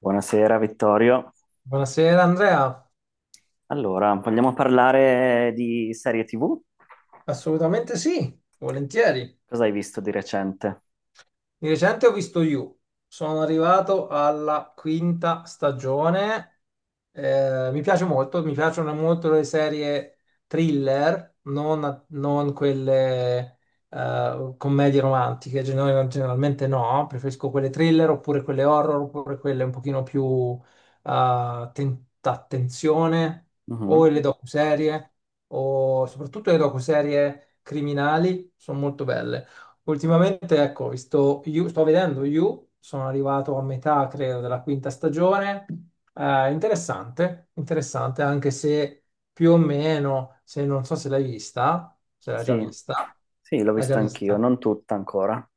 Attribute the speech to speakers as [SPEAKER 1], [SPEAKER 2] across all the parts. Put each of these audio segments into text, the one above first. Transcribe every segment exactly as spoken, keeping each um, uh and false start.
[SPEAKER 1] Buonasera Vittorio.
[SPEAKER 2] Buonasera Andrea,
[SPEAKER 1] Allora, vogliamo parlare di serie ti vu?
[SPEAKER 2] assolutamente sì, volentieri.
[SPEAKER 1] Cosa hai visto di recente?
[SPEAKER 2] Di recente ho visto You, sono arrivato alla quinta stagione, eh, mi piace molto, mi piacciono molto le serie thriller, non, non quelle eh, commedie romantiche, gener- generalmente no, preferisco quelle thriller oppure quelle horror oppure quelle un pochino più eh, ten- attenzione, o
[SPEAKER 1] Mhm.
[SPEAKER 2] le docuserie o soprattutto le docuserie criminali sono molto belle. Ultimamente, ecco, vi sto, You- sto vedendo You, sono arrivato a metà, credo, della quinta stagione. Eh, interessante, interessante, anche se più o meno, se non so se l'hai vista, se l'hai già
[SPEAKER 1] Sì,
[SPEAKER 2] vista,
[SPEAKER 1] sì, l'ho
[SPEAKER 2] l'hai già
[SPEAKER 1] vista anch'io,
[SPEAKER 2] vista.
[SPEAKER 1] non tutta ancora.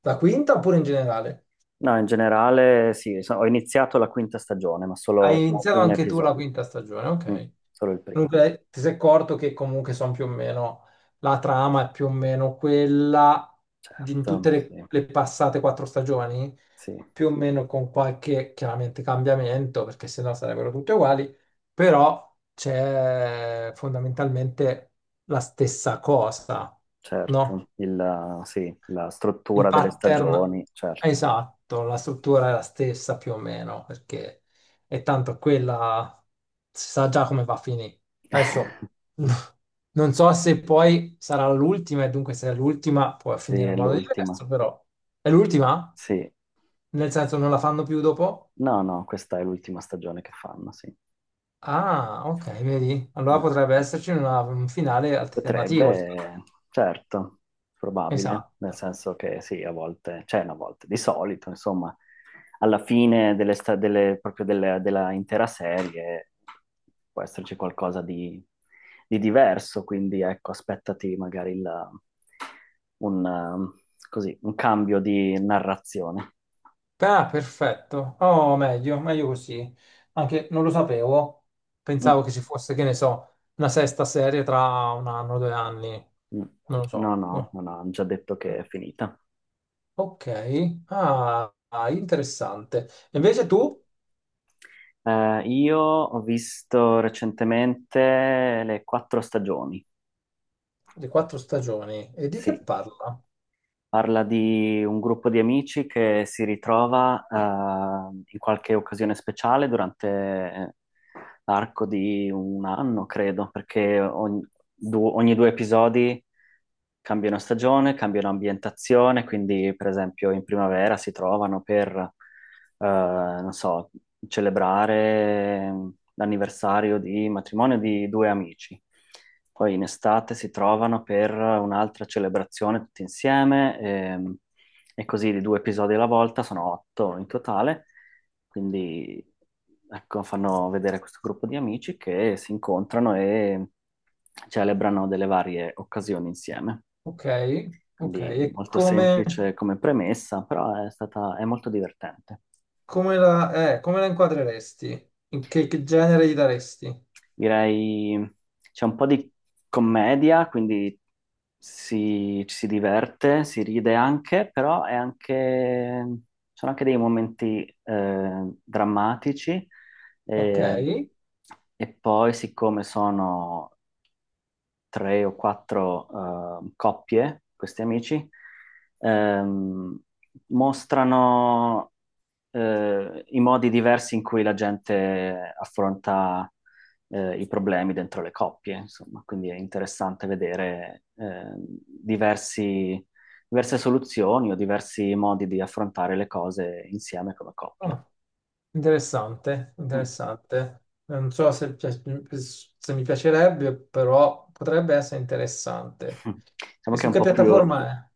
[SPEAKER 2] La quinta oppure in generale?
[SPEAKER 1] No, in generale sì, so- ho iniziato la quinta stagione, ma
[SPEAKER 2] Hai
[SPEAKER 1] solo
[SPEAKER 2] iniziato
[SPEAKER 1] un
[SPEAKER 2] anche tu la
[SPEAKER 1] episodio.
[SPEAKER 2] quinta stagione,
[SPEAKER 1] Mm,
[SPEAKER 2] ok.
[SPEAKER 1] solo il primo,
[SPEAKER 2] Dunque, ti sei accorto che comunque sono più o meno, la trama è più o meno quella di in tutte
[SPEAKER 1] certo,
[SPEAKER 2] le
[SPEAKER 1] sì,
[SPEAKER 2] le passate quattro stagioni?
[SPEAKER 1] sì,
[SPEAKER 2] Più o meno con qualche chiaramente cambiamento, perché sennò sarebbero tutte uguali, però c'è fondamentalmente la stessa cosa, no?
[SPEAKER 1] certo. Il, sì, la
[SPEAKER 2] Il
[SPEAKER 1] struttura delle
[SPEAKER 2] pattern
[SPEAKER 1] stagioni, certo.
[SPEAKER 2] esatto, la struttura è la stessa più o meno, perché è tanto quella, si sa già come va a finire. Adesso non so se poi sarà l'ultima, e dunque se è l'ultima può
[SPEAKER 1] Sì,
[SPEAKER 2] finire
[SPEAKER 1] è
[SPEAKER 2] in modo
[SPEAKER 1] l'ultima.
[SPEAKER 2] diverso, però è l'ultima?
[SPEAKER 1] Sì.
[SPEAKER 2] Nel senso non la fanno più dopo?
[SPEAKER 1] No, no, questa è l'ultima stagione che fanno, sì.
[SPEAKER 2] Ah, ok, vedi? Allora
[SPEAKER 1] Eh.
[SPEAKER 2] potrebbe esserci una- un finale alternativo rispetto a...
[SPEAKER 1] Potrebbe, certo, probabile, nel
[SPEAKER 2] Esatto.
[SPEAKER 1] senso che sì, a volte, cioè no, a volte, di solito, insomma, alla fine delle sta- delle- proprio delle- della intera serie può esserci qualcosa di, di diverso, quindi ecco, aspettati magari il- un, um, così, un cambio di narrazione.
[SPEAKER 2] Ah, perfetto. Oh, meglio, meglio così. Anche non lo sapevo. Pensavo
[SPEAKER 1] Mm,
[SPEAKER 2] che ci fosse, che ne so, una sesta serie tra un anno, due anni.
[SPEAKER 1] mm.
[SPEAKER 2] Non lo
[SPEAKER 1] No,
[SPEAKER 2] so.
[SPEAKER 1] no,
[SPEAKER 2] No.
[SPEAKER 1] no, no, hanno già detto che è finita.
[SPEAKER 2] Ok. Ah, ah, interessante. Invece tu,
[SPEAKER 1] Eh, io ho visto recentemente le quattro stagioni,
[SPEAKER 2] le quattro stagioni, e di che
[SPEAKER 1] sì,
[SPEAKER 2] parla?
[SPEAKER 1] parla di un gruppo di amici che si ritrova eh, in qualche occasione speciale durante arco di un anno, credo, perché ogni, du- ogni due episodi cambiano stagione, cambiano ambientazione, quindi per esempio in primavera si trovano per, eh, non so, celebrare l'anniversario di matrimonio di due amici. Poi in estate si trovano per un'altra celebrazione tutti insieme. Ehm, e così di due episodi alla volta, sono otto in totale, quindi ecco, fanno vedere questo gruppo di amici che si incontrano e celebrano delle varie occasioni insieme.
[SPEAKER 2] Ok, ok.
[SPEAKER 1] Quindi
[SPEAKER 2] E
[SPEAKER 1] molto
[SPEAKER 2] come...
[SPEAKER 1] semplice come premessa, però è stata, è molto divertente.
[SPEAKER 2] Come la, eh, come la inquadreresti? In che, che genere gli daresti?
[SPEAKER 1] Direi c'è un po' di commedia, quindi si, ci si diverte, si ride anche, però è anche, sono anche dei momenti eh, drammatici.
[SPEAKER 2] Ok.
[SPEAKER 1] E, e poi, siccome sono tre o quattro eh, coppie, questi amici, ehm, mostrano eh, i modi diversi in cui la gente affronta eh, i problemi dentro le coppie, insomma, quindi è interessante vedere eh, diversi- diverse soluzioni o diversi modi di affrontare le cose insieme come coppia.
[SPEAKER 2] Oh, interessante,
[SPEAKER 1] Mm.
[SPEAKER 2] interessante. Non so se, pi- se mi piacerebbe, però potrebbe essere interessante.
[SPEAKER 1] Diciamo
[SPEAKER 2] E
[SPEAKER 1] che
[SPEAKER 2] su
[SPEAKER 1] è un
[SPEAKER 2] che
[SPEAKER 1] po' più
[SPEAKER 2] piattaforma è?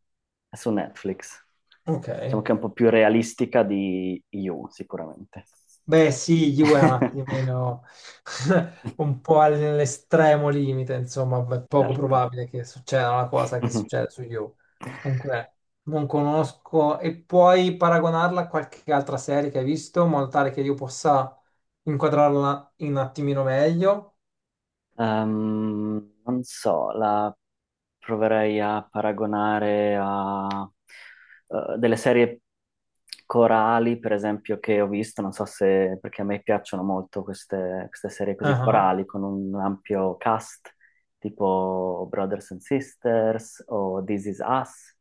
[SPEAKER 1] è su Netflix,
[SPEAKER 2] Ok.
[SPEAKER 1] diciamo che è un po' più realistica di You, sicuramente.
[SPEAKER 2] Beh, sì, Juve è un attimino un po' all'estremo limite, insomma, è poco
[SPEAKER 1] Certo.
[SPEAKER 2] probabile che succeda una cosa che succede su Juve. Comunque, non conosco e puoi paragonarla a qualche altra serie che hai visto, in modo tale che io possa inquadrarla in un attimino meglio.
[SPEAKER 1] Ehm, non so, la proverei a paragonare a eh, delle serie corali, per esempio, che ho visto, non so se, perché a me piacciono molto queste, queste serie così corali, con un ampio cast, tipo Brothers and Sisters o This Is Us,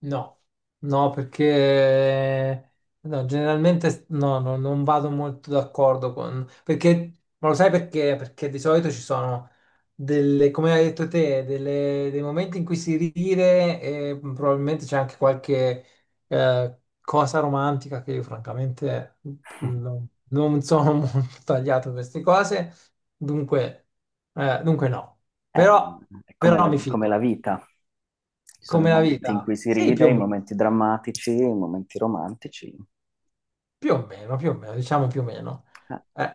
[SPEAKER 2] No, no, perché no, generalmente no, no, non vado molto d'accordo con... Perché, ma lo sai perché? Perché di solito ci sono delle, come hai detto te, delle- dei momenti in cui si ride e probabilmente c'è anche qualche eh, cosa romantica che io francamente non, non sono molto tagliato a queste cose, dunque, eh, dunque no.
[SPEAKER 1] è,
[SPEAKER 2] Però,
[SPEAKER 1] è come
[SPEAKER 2] però
[SPEAKER 1] la,
[SPEAKER 2] mi
[SPEAKER 1] come la
[SPEAKER 2] fido,
[SPEAKER 1] vita. Ci sono i
[SPEAKER 2] come la
[SPEAKER 1] momenti in
[SPEAKER 2] vita.
[SPEAKER 1] cui si
[SPEAKER 2] Sì, più
[SPEAKER 1] ride,
[SPEAKER 2] o
[SPEAKER 1] i
[SPEAKER 2] meno.
[SPEAKER 1] momenti drammatici, i momenti romantici,
[SPEAKER 2] Più o meno, più o meno, diciamo più o meno.
[SPEAKER 1] eh,
[SPEAKER 2] Eh,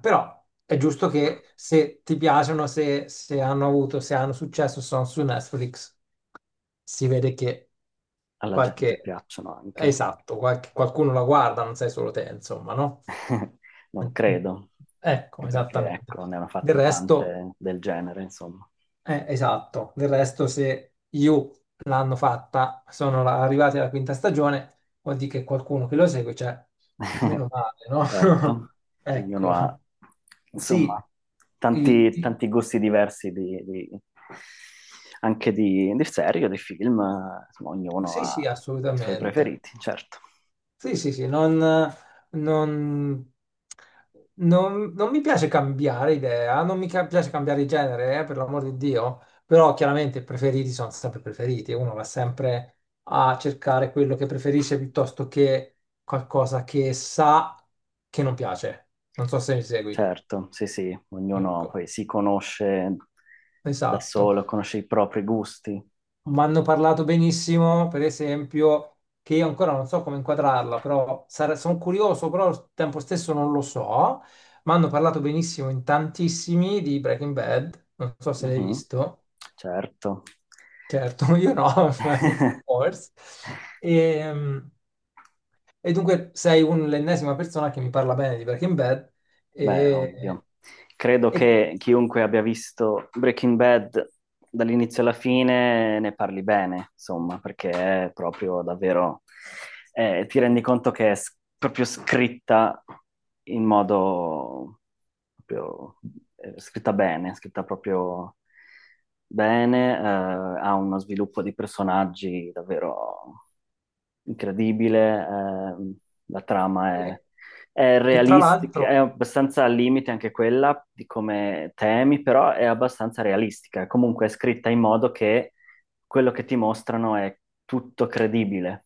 [SPEAKER 2] Però è giusto che se ti piacciono, se, se hanno avuto, se hanno successo, sono su Netflix, si vede che
[SPEAKER 1] alla gente
[SPEAKER 2] qualche...
[SPEAKER 1] piacciono anche.
[SPEAKER 2] Esatto, qualche- qualcuno la guarda, non sei solo te, insomma, no?
[SPEAKER 1] Non credo,
[SPEAKER 2] Ecco,
[SPEAKER 1] anche perché
[SPEAKER 2] esattamente.
[SPEAKER 1] ecco, ne hanno
[SPEAKER 2] Del
[SPEAKER 1] fatte
[SPEAKER 2] resto...
[SPEAKER 1] tante del genere, insomma.
[SPEAKER 2] Eh, esatto, del resto se io l'hanno fatta, sono la- arrivati alla quinta stagione, vuol dire che qualcuno che lo segue c'è, meno male, no?
[SPEAKER 1] Certo, ognuno ha,
[SPEAKER 2] Ecco, sì,
[SPEAKER 1] insomma,
[SPEAKER 2] I-
[SPEAKER 1] tanti,
[SPEAKER 2] i-
[SPEAKER 1] tanti gusti diversi di, di- anche di, di serie, o di film, eh, insomma, ognuno
[SPEAKER 2] sì,
[SPEAKER 1] ha
[SPEAKER 2] sì,
[SPEAKER 1] i suoi
[SPEAKER 2] assolutamente.
[SPEAKER 1] preferiti, certo.
[SPEAKER 2] Sì, sì, sì, non, non- non- non mi piace cambiare idea, non mi ca- piace cambiare genere, eh, per l'amor di Dio, però chiaramente i preferiti sono sempre preferiti, uno va sempre a cercare quello che preferisce piuttosto che qualcosa che sa che non piace. Non so se mi segui.
[SPEAKER 1] Certo, sì, sì, ognuno
[SPEAKER 2] Ecco,
[SPEAKER 1] poi si conosce da
[SPEAKER 2] esatto.
[SPEAKER 1] solo, conosce i propri gusti.
[SPEAKER 2] Mi hanno parlato benissimo, per esempio, che io ancora non so come inquadrarla, però sare- sono curioso, però al tempo stesso non lo so. Mi hanno parlato benissimo in tantissimi di Breaking Bad, non so se l'hai
[SPEAKER 1] Mhm.
[SPEAKER 2] visto,
[SPEAKER 1] Certo.
[SPEAKER 2] certo, io no, ma forse. E, e dunque sei un- l'ennesima persona che mi parla bene di Breaking Bad
[SPEAKER 1] Beh,
[SPEAKER 2] e,
[SPEAKER 1] ovvio. Credo
[SPEAKER 2] e-
[SPEAKER 1] che chiunque abbia visto Breaking Bad dall'inizio alla fine ne parli bene, insomma, perché è proprio davvero… eh, ti rendi conto che è s- proprio scritta in modo… proprio, eh, scritta bene, scritta proprio bene, eh, ha uno sviluppo di personaggi davvero incredibile. Ehm, la trama è,
[SPEAKER 2] e-
[SPEAKER 1] è
[SPEAKER 2] e tra
[SPEAKER 1] realistica, è
[SPEAKER 2] l'altro...
[SPEAKER 1] abbastanza al limite anche quella di come temi, però è abbastanza realistica. Comunque è scritta in modo che quello che ti mostrano è tutto credibile.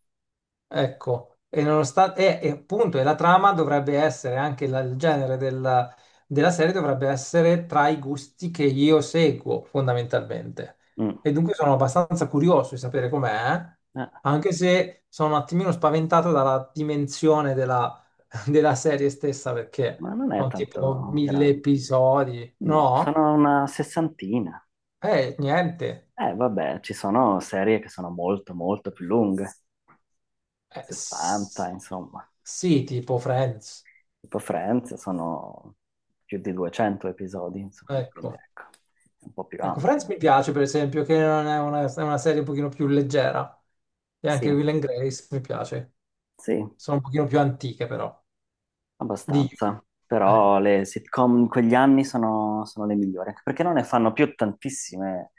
[SPEAKER 2] Ecco, e nonostante, e, e appunto, e la trama dovrebbe essere anche la- il genere della, della serie dovrebbe essere tra i gusti che io seguo fondamentalmente.
[SPEAKER 1] Mm.
[SPEAKER 2] E dunque sono abbastanza curioso di sapere com'è,
[SPEAKER 1] Eh,
[SPEAKER 2] anche se sono un attimino spaventato dalla dimensione della, della serie stessa perché
[SPEAKER 1] ma non è
[SPEAKER 2] sono tipo
[SPEAKER 1] tanto
[SPEAKER 2] mille
[SPEAKER 1] grande.
[SPEAKER 2] episodi,
[SPEAKER 1] No,
[SPEAKER 2] no?
[SPEAKER 1] sono una sessantina.
[SPEAKER 2] Eh, niente.
[SPEAKER 1] Eh, vabbè, ci sono serie che sono molto, molto più lunghe,
[SPEAKER 2] Eh,
[SPEAKER 1] sessanta,
[SPEAKER 2] s-
[SPEAKER 1] insomma.
[SPEAKER 2] sì, tipo Friends,
[SPEAKER 1] Tipo Friends sono più di duecento episodi, insomma, quindi
[SPEAKER 2] ecco.
[SPEAKER 1] ecco, è un po' più
[SPEAKER 2] Ecco,
[SPEAKER 1] ampio.
[SPEAKER 2] Friends mi piace per esempio, che non è una, è una serie un pochino più leggera. E anche
[SPEAKER 1] Sì,
[SPEAKER 2] Will and Grace mi piace.
[SPEAKER 1] sì,
[SPEAKER 2] Sono un pochino più antiche però. Di...
[SPEAKER 1] abbastanza.
[SPEAKER 2] eh.
[SPEAKER 1] Però le sitcom in quegli anni sono, sono le migliori, anche perché non ne fanno più tantissime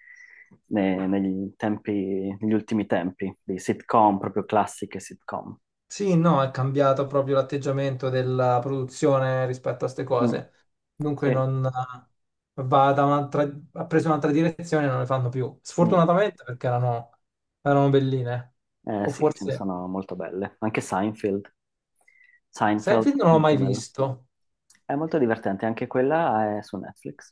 [SPEAKER 1] ne- negli tempi, negli ultimi tempi, di sitcom, proprio classiche sitcom.
[SPEAKER 2] Sì, no, è cambiato proprio l'atteggiamento della produzione rispetto a queste
[SPEAKER 1] Mm.
[SPEAKER 2] cose. Dunque
[SPEAKER 1] Sì.
[SPEAKER 2] non eh, va da un'altra... ha preso un'altra direzione e non le fanno più.
[SPEAKER 1] Mm.
[SPEAKER 2] Sfortunatamente perché erano, erano belline.
[SPEAKER 1] Eh
[SPEAKER 2] O
[SPEAKER 1] sì, ce ne
[SPEAKER 2] forse...
[SPEAKER 1] sono molto belle. Anche Seinfeld. Seinfeld,
[SPEAKER 2] Seinfeld non l'ho
[SPEAKER 1] molto
[SPEAKER 2] mai
[SPEAKER 1] bella.
[SPEAKER 2] visto.
[SPEAKER 1] È molto divertente, anche quella è su Netflix,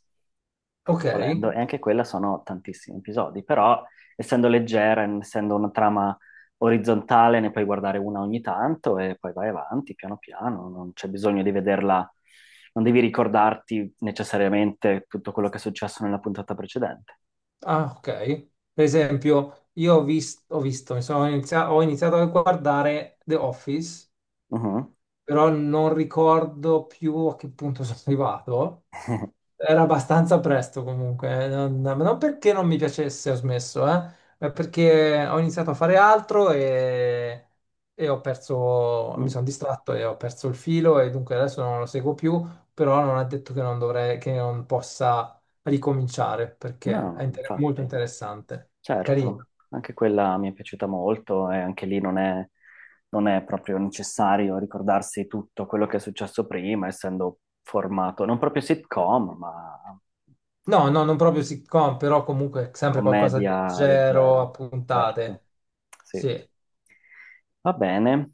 [SPEAKER 2] Ok.
[SPEAKER 1] volendo, e anche quella sono tantissimi episodi, però essendo leggera, essendo una trama orizzontale, ne puoi guardare una ogni tanto e poi vai avanti piano piano, non c'è bisogno di vederla, non devi ricordarti necessariamente tutto quello che è successo nella puntata precedente.
[SPEAKER 2] Ah, ok. Per esempio, io ho vis- ho visto, mi sono inizia- ho iniziato a guardare The Office,
[SPEAKER 1] Mhm.
[SPEAKER 2] però non ricordo più a che punto sono arrivato. Era abbastanza presto comunque, eh, non, ma non perché non mi piacesse, ho smesso, eh, ma perché ho iniziato a fare altro e, e ho perso, mi
[SPEAKER 1] Mm.
[SPEAKER 2] sono distratto e ho perso il filo e dunque adesso non lo seguo più, però non è detto che non dovrei, che non possa ricominciare perché è
[SPEAKER 1] No,
[SPEAKER 2] inter- molto
[SPEAKER 1] infatti.
[SPEAKER 2] interessante, carino.
[SPEAKER 1] Certo, anche quella mi è piaciuta molto e anche lì non è, non è proprio necessario ricordarsi tutto quello che è successo prima, essendo formato non proprio sitcom, ma
[SPEAKER 2] No, no, non proprio sitcom, però comunque sempre qualcosa di
[SPEAKER 1] commedia
[SPEAKER 2] leggero,
[SPEAKER 1] leggera,
[SPEAKER 2] a
[SPEAKER 1] certo.
[SPEAKER 2] puntate.
[SPEAKER 1] Sì.
[SPEAKER 2] Sì,
[SPEAKER 1] Va bene,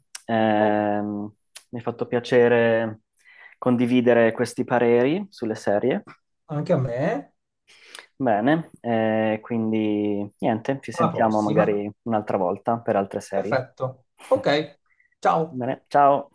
[SPEAKER 2] oh,
[SPEAKER 1] ehm, mi è fatto piacere condividere questi pareri sulle serie.
[SPEAKER 2] anche a me.
[SPEAKER 1] Bene, eh, quindi niente, ci
[SPEAKER 2] Alla
[SPEAKER 1] sentiamo
[SPEAKER 2] prossima.
[SPEAKER 1] magari un'altra volta per altre serie.
[SPEAKER 2] Perfetto. Ok, ciao.
[SPEAKER 1] Bene, ciao.